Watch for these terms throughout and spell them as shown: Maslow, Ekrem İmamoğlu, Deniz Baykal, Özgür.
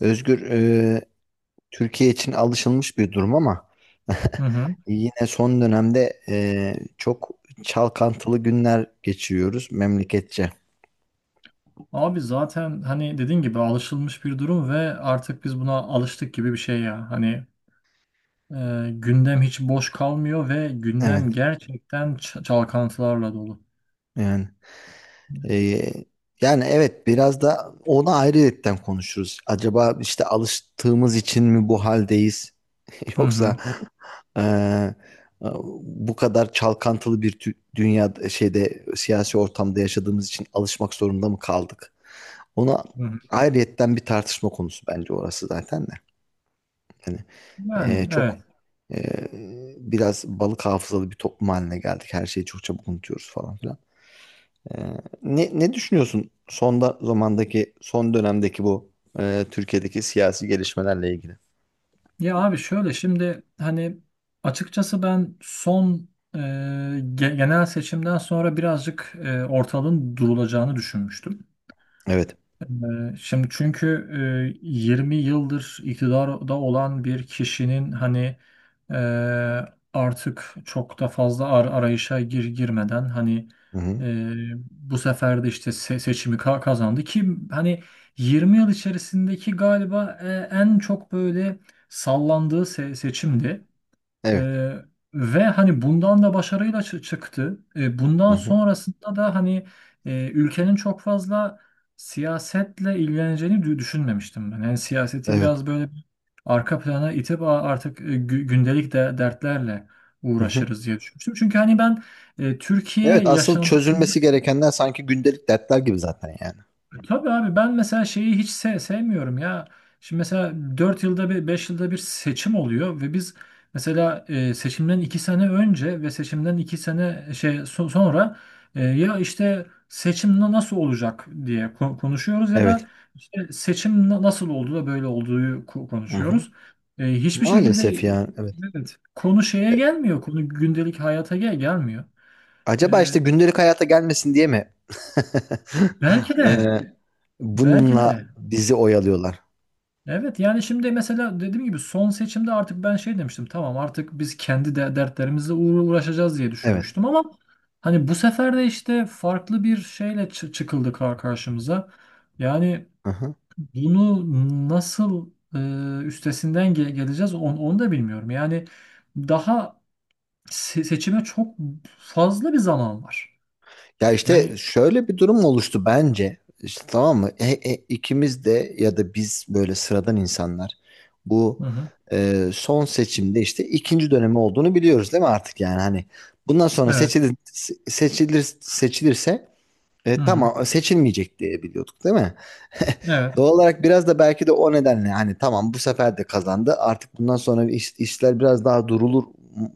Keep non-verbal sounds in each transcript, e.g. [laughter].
Özgür, Türkiye için alışılmış bir durum ama [laughs] Hı hı. yine son dönemde çok çalkantılı günler geçiriyoruz memleketçe. Abi zaten hani dediğin gibi alışılmış bir durum ve artık biz buna alıştık gibi bir şey ya. Hani gündem hiç boş kalmıyor ve Evet, gündem gerçekten çalkantılarla dolu. yani. Ee, Yani evet biraz da onu ayrıyetten konuşuruz. Acaba işte alıştığımız için mi bu haldeyiz? [laughs] Hı Yoksa hı. eee, bu kadar çalkantılı dünya şeyde siyasi ortamda yaşadığımız için alışmak zorunda mı kaldık? Ona Hı hı. ayrıyetten bir tartışma konusu bence orası zaten de. Yani Yani, çok evet. eee, biraz balık hafızalı bir toplum haline geldik. Her şeyi çok çabuk unutuyoruz falan filan. Ee, ne düşünüyorsun zamandaki, son dönemdeki bu Türkiye'deki siyasi gelişmelerle ilgili? Ya abi şöyle şimdi hani açıkçası ben son genel seçimden sonra birazcık ortalığın durulacağını düşünmüştüm. Evet. Şimdi çünkü 20 yıldır iktidarda olan bir kişinin hani e, artık çok da fazla arayışa girmeden hani Hı hı. e, bu sefer de işte seçimi kazandı ki hani 20 yıl içerisindeki galiba en çok böyle sallandığı seçimdi. Evet. Ee, ve hani bundan da başarıyla çıktı. Ee, Hı bundan hı. sonrasında da hani ülkenin çok fazla siyasetle ilgileneceğini düşünmemiştim ben. Yani siyaseti Evet. biraz böyle arka plana itip "Aa, artık gündelik de dertlerle Hı hı. uğraşırız" diye düşünmüştüm. Çünkü hani ben Türkiye Evet, asıl yaşantısı. çözülmesi gerekenler sanki gündelik dertler gibi zaten yani. Tabii abi ben mesela şeyi hiç sevmiyorum ya. Şimdi mesela 4 yılda bir, 5 yılda bir seçim oluyor ve biz mesela seçimden 2 sene önce ve seçimden 2 sene sonra ya işte seçim nasıl olacak diye konuşuyoruz ya Evet. da işte seçim nasıl oldu da böyle olduğu Hı hı. konuşuyoruz. Hiçbir şekilde, Maalesef yani. Evet. evet, konu şeye E, gelmiyor. Konu gündelik hayata gelmiyor. Acaba işte E, gündelik hayata gelmesin diye mi? belki [laughs] de Ee, belki Bununla de bizi oyalıyorlar. evet, yani şimdi mesela dediğim gibi son seçimde artık ben şey demiştim, tamam artık biz kendi de dertlerimizle uğraşacağız diye Evet. düşünmüştüm ama hani bu sefer de işte farklı bir şeyle çıkıldı karşımıza. Yani Hı hı. bunu nasıl üstesinden geleceğiz onu da bilmiyorum. Yani daha seçime çok fazla bir zaman var. Ya işte Yani. şöyle bir durum oluştu bence. İşte tamam mı? İkimiz de ya da biz böyle sıradan insanlar bu Hı hı. Son seçimde işte ikinci dönemi olduğunu biliyoruz değil mi artık yani hani bundan sonra Evet. Seçilirse Hı hı. tamam seçilmeyecek diye biliyorduk değil mi? [laughs] Evet. Doğal olarak biraz da belki de o nedenle hani tamam bu sefer de kazandı. Artık bundan sonra işler biraz daha durulur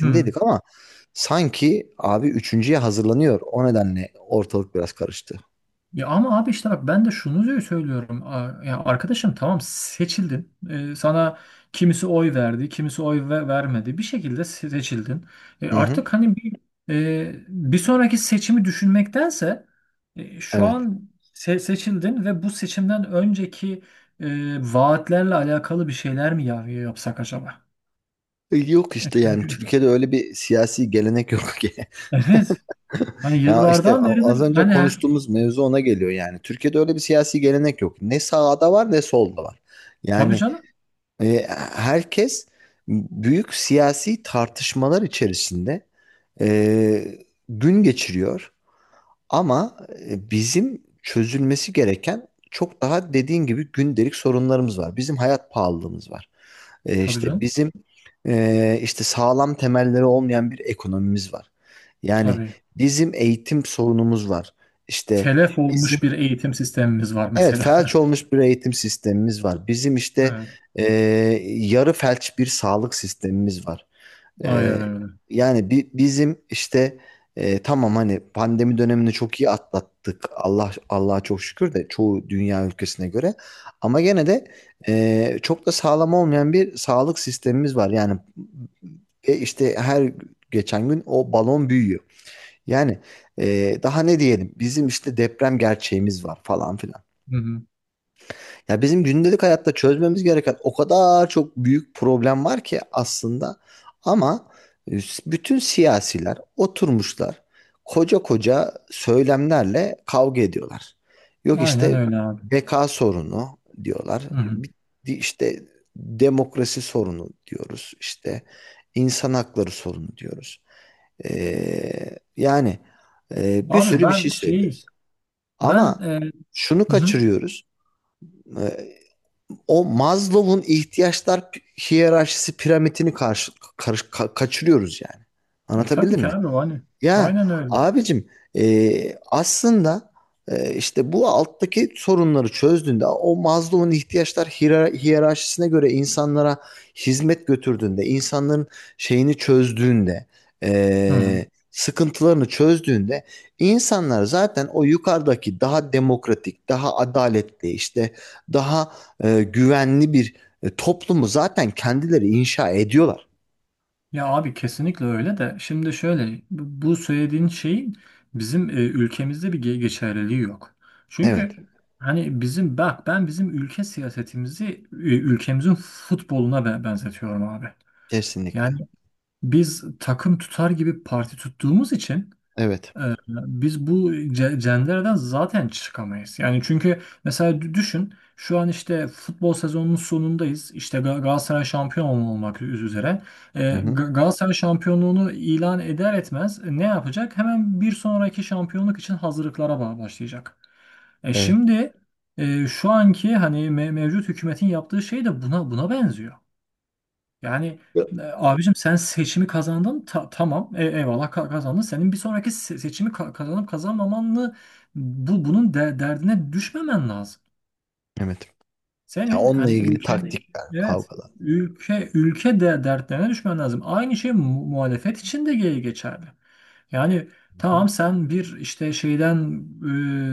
Hı hı. ama sanki abi üçüncüye hazırlanıyor. O nedenle ortalık biraz karıştı. Ya ama abi işte bak ben de şunu söylüyorum. Ya arkadaşım, tamam seçildin. Sana kimisi oy verdi, kimisi oy vermedi. Bir şekilde seçildin. E, Hı hı. artık hani bir sonraki seçimi düşünmektense şu Evet. an seçildin ve bu seçimden önceki vaatlerle alakalı bir şeyler mi ya yapsak acaba? Yok E, işte yani çünkü Türkiye'de öyle bir siyasi gelenek yok ki. [laughs] evet. Hani Ya işte yıllardan az beridir önce hani. konuştuğumuz mevzu ona geliyor yani. Türkiye'de öyle bir siyasi gelenek yok. Ne sağda var ne solda var. Tabii Yani canım. e, herkes büyük siyasi tartışmalar içerisinde e, gün geçiriyor. Ama bizim çözülmesi gereken çok daha dediğin gibi gündelik sorunlarımız var. Bizim hayat pahalılığımız var. E, Tabii işte canım. bizim e, işte sağlam temelleri olmayan bir ekonomimiz var. Yani Tabii. bizim eğitim sorunumuz var. İşte Telef bizim olmuş bir eğitim sistemimiz var evet mesela. felç [laughs] olmuş bir eğitim sistemimiz var. Bizim işte Evet, e, yarı felç bir sağlık sistemimiz var. aynen Ee, öyle. yani bizim işte tamam hani pandemi dönemini çok iyi atlattık. Allah Allah'a çok şükür de çoğu dünya ülkesine göre. Ama gene de çok da sağlam olmayan bir sağlık sistemimiz var. Yani işte her geçen gün o balon büyüyor. Yani daha ne diyelim? Bizim işte deprem gerçeğimiz var falan filan. Hı hı. Ya bizim gündelik hayatta çözmemiz gereken o kadar çok büyük problem var ki aslında ama e, bütün siyasiler oturmuşlar koca koca söylemlerle kavga ediyorlar. Yok Aynen işte öyle abi. beka sorunu diyorlar. Hı hı. Bi- işte demokrasi sorunu diyoruz. İşte insan hakları sorunu diyoruz. Yani bir Abi sürü bir şey ben şey, söylüyoruz. ben, Ama şunu hı hı. kaçırıyoruz. e, O Maslow'un ihtiyaçlar hiyerarşisi piramitini kaçırıyoruz yani. Tabii Anlatabildim ki mi? abi hani, Ya aynen öyle. abicim e, aslında e, işte bu alttaki sorunları çözdüğünde o Maslow'un ihtiyaçlar hiyerarşisine göre insanlara hizmet götürdüğünde insanların şeyini çözdüğünde Hı hı. e, sıkıntılarını çözdüğünde insanlar zaten o yukarıdaki daha demokratik daha adaletli işte daha güvenli bir toplumu zaten kendileri inşa ediyorlar. Ya abi kesinlikle öyle de şimdi şöyle bu söylediğin şeyin bizim ülkemizde bir geçerliliği yok. Evet Çünkü hani bizim, bak, ben bizim ülke siyasetimizi ülkemizin futboluna benzetiyorum abi. kesinlikle Yani biz takım tutar gibi parti tuttuğumuz için evet. Biz bu cendereden zaten çıkamayız. Yani çünkü mesela düşün, şu an işte futbol sezonunun sonundayız. İşte Galatasaray şampiyon olmak üzere. Hı hı. Galatasaray şampiyonluğunu ilan eder etmez ne yapacak? Hemen bir sonraki şampiyonluk için hazırlıklara başlayacak. E Evet. şimdi şu anki hani mevcut hükümetin yaptığı şey de buna benziyor. Yani abicim, sen seçimi kazandın, tamam, eyvallah, kazandın. Senin bir sonraki seçimi kazanıp kazanmamanı, bunun derdine düşmemen lazım. Evet. Ya Senin onunla hani ilgili ülkenin, taktikler, evet, kavgalar. ülke de dertlerine düşmen lazım. Aynı şey muhalefet için de geçerli. Yani Hı hı. tamam, sen bir işte şeyden,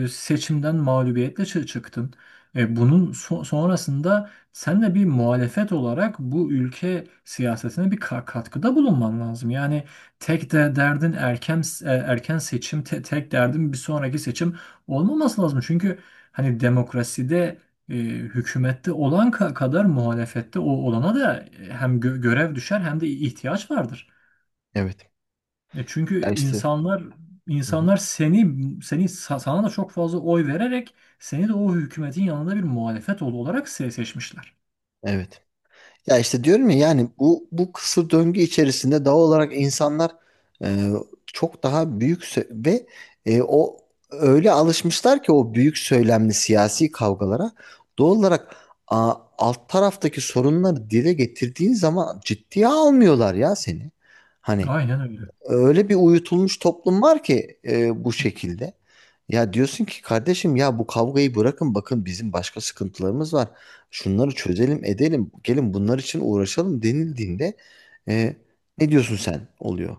seçimden mağlubiyetle çıktın. Bunun sonrasında sen de bir muhalefet olarak bu ülke siyasetine bir katkıda bulunman lazım. Yani tek de derdin erken, erken seçim, tek derdin bir sonraki seçim olmaması lazım. Çünkü hani demokraside hükümette olan kadar muhalefette olana da hem görev düşer hem de ihtiyaç vardır. Evet. E çünkü Ya işte. insanlar, Hı hı. insanlar seni sa- sana da çok fazla oy vererek seni de o hükümetin yanında bir muhalefet oğlu olarak seçmişler. Evet. Ya işte diyorum ya yani bu bu kısır döngü içerisinde doğal olarak insanlar e, çok daha büyük sö- ve e, o öyle alışmışlar ki o büyük söylemli siyasi kavgalara doğal olarak alt taraftaki sorunları dile getirdiğin zaman ciddiye almıyorlar ya seni. Hani Aynen öyle. öyle bir uyutulmuş toplum var ki bu Hı. şekilde. Ya diyorsun ki kardeşim ya bu kavgayı bırakın bakın bizim başka sıkıntılarımız var. Şunları çözelim edelim gelin bunlar için uğraşalım denildiğinde e, ne diyorsun sen oluyor.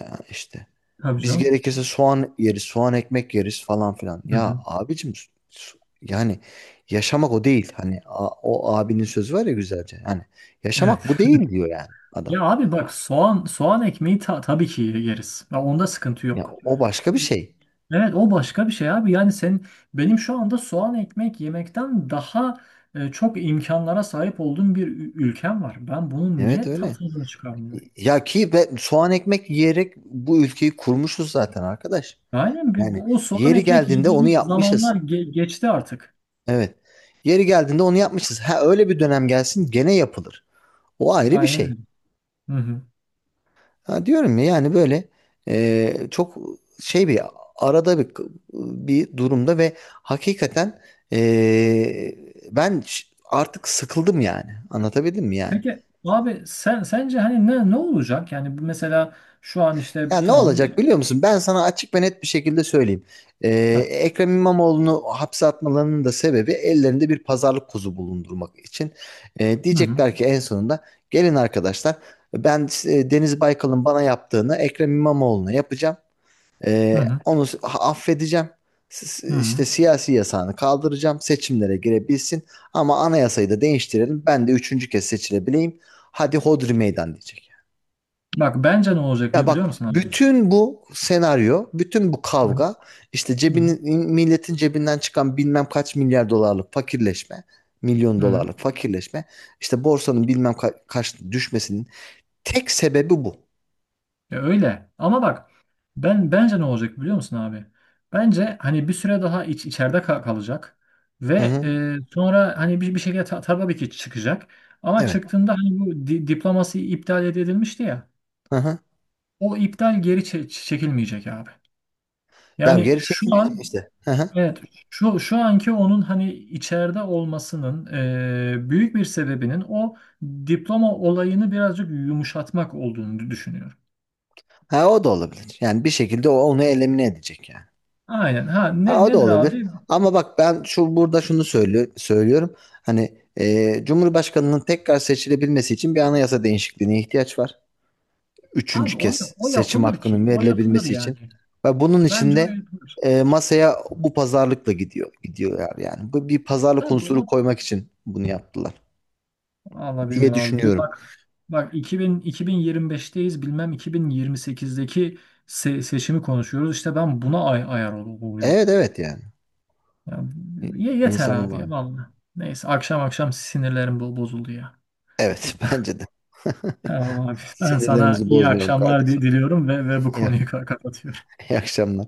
Ya işte Tabii biz canım. gerekirse soğan yeriz soğan ekmek yeriz falan filan. Hı Ya hı. abicim yani yaşamak o değil. Hani o abinin sözü var ya güzelce. Yani yaşamak bu Evet. değil diyor yani adam. Ya abi bak, soğan ekmeği tabii ki yeriz. Ya onda sıkıntı Ya yok. o başka bir şey. Evet, o başka bir şey abi. Yani sen, benim şu anda soğan ekmek yemekten daha çok imkanlara sahip olduğum bir ülkem var. Ben bunun Evet niye öyle. tadını çıkarmıyorum? Ya ki be, soğan ekmek yiyerek bu ülkeyi kurmuşuz zaten arkadaş. Aynen, Yani o soğan yeri ekmek geldiğinde onu yediğimiz yapmışız. zamanlar geçti artık. Evet. Yeri geldiğinde onu yapmışız. Ha öyle bir dönem gelsin gene yapılır. O ayrı bir Aynen şey. öyle. Hı hı. Ha diyorum ya yani böyle e, çok şey bir arada bir bir durumda ve hakikaten e, ben artık sıkıldım yani. Anlatabildim mi yani? Peki abi, sen sence hani ne olacak? Yani bu mesela şu an işte Ya ne tamam bir... olacak biliyor musun? Ben sana açık ve net bir şekilde söyleyeyim. Ee, Heh. Ekrem İmamoğlu'nu hapse atmalarının da sebebi ellerinde bir pazarlık kuzu bulundurmak için. Hı hı. Diyecekler ki en sonunda gelin arkadaşlar ben Deniz Baykal'ın bana yaptığını Ekrem İmamoğlu'na yapacağım. Hı Ee, hı. onu s- affedeceğim. Hı İşte hı. siyasi yasağını kaldıracağım. Seçimlere girebilsin. Ama anayasayı da değiştirelim. Ben de üçüncü kez seçilebileyim. Hadi hodri meydan diyecek. Bak bence ne olacak Ya biliyor bak musun abi? bütün bu senaryo, bütün bu Hı hı. kavga işte Hı hı. cebinin milletin cebinden çıkan bilmem kaç milyar dolarlık fakirleşme, milyon Hı hı. dolarlık fakirleşme, işte borsanın bilmem kaç düşmesinin tek sebebi bu. Ya öyle. Ama bak, ben bence ne olacak biliyor musun abi? Bence hani bir süre daha içeride kalacak Hı ve hı. Sonra hani bir şekilde tabii ki çıkacak. Ama Evet. çıktığında hani bu diploması iptal edilmişti ya. Hı hı. O iptal geri çekilmeyecek abi. Ya Yani geri şu çekilecek an, işte. Hı hı. evet, şu anki onun hani içeride olmasının büyük bir sebebinin o diploma olayını birazcık yumuşatmak olduğunu düşünüyorum. Ha o da olabilir. Yani bir şekilde o onu elimine edecek yani. Aynen. Ha, Ha, o da nedir olabilir. abi? Ama bak ben şu burada şunu söylüyorum. Hani Cumhurbaşkanının tekrar seçilebilmesi için bir anayasa değişikliğine ihtiyaç var. Abi Üçüncü o, kez o seçim yapılır ki. hakkının O yapılır verilebilmesi için. yani. Ve bunun için Bence o de yapılır. Masaya bu pazarlıkla gidiyorlar yani. Bu bir pazarlık Tabii unsuru o, koymak için bunu yaptılar Allah diye bilmiyorum abi. Bir bak düşünüyorum. bak 2000 2025'teyiz. Bilmem 2028'deki seçimi konuşuyoruz. İşte ben buna ayar oluyorum. Evet evet yani. Ya, İ- yeter İnsan abi ya, bulan. vallahi. Neyse, akşam akşam sinirlerim bozuldu ya. Evet [laughs] bence de. Tamam abi. Ben sana Sinirlerimizi iyi bozmayalım akşamlar kardeşim. diliyorum ve bu İyi, konuyu kapatıyorum. iyi akşamlar.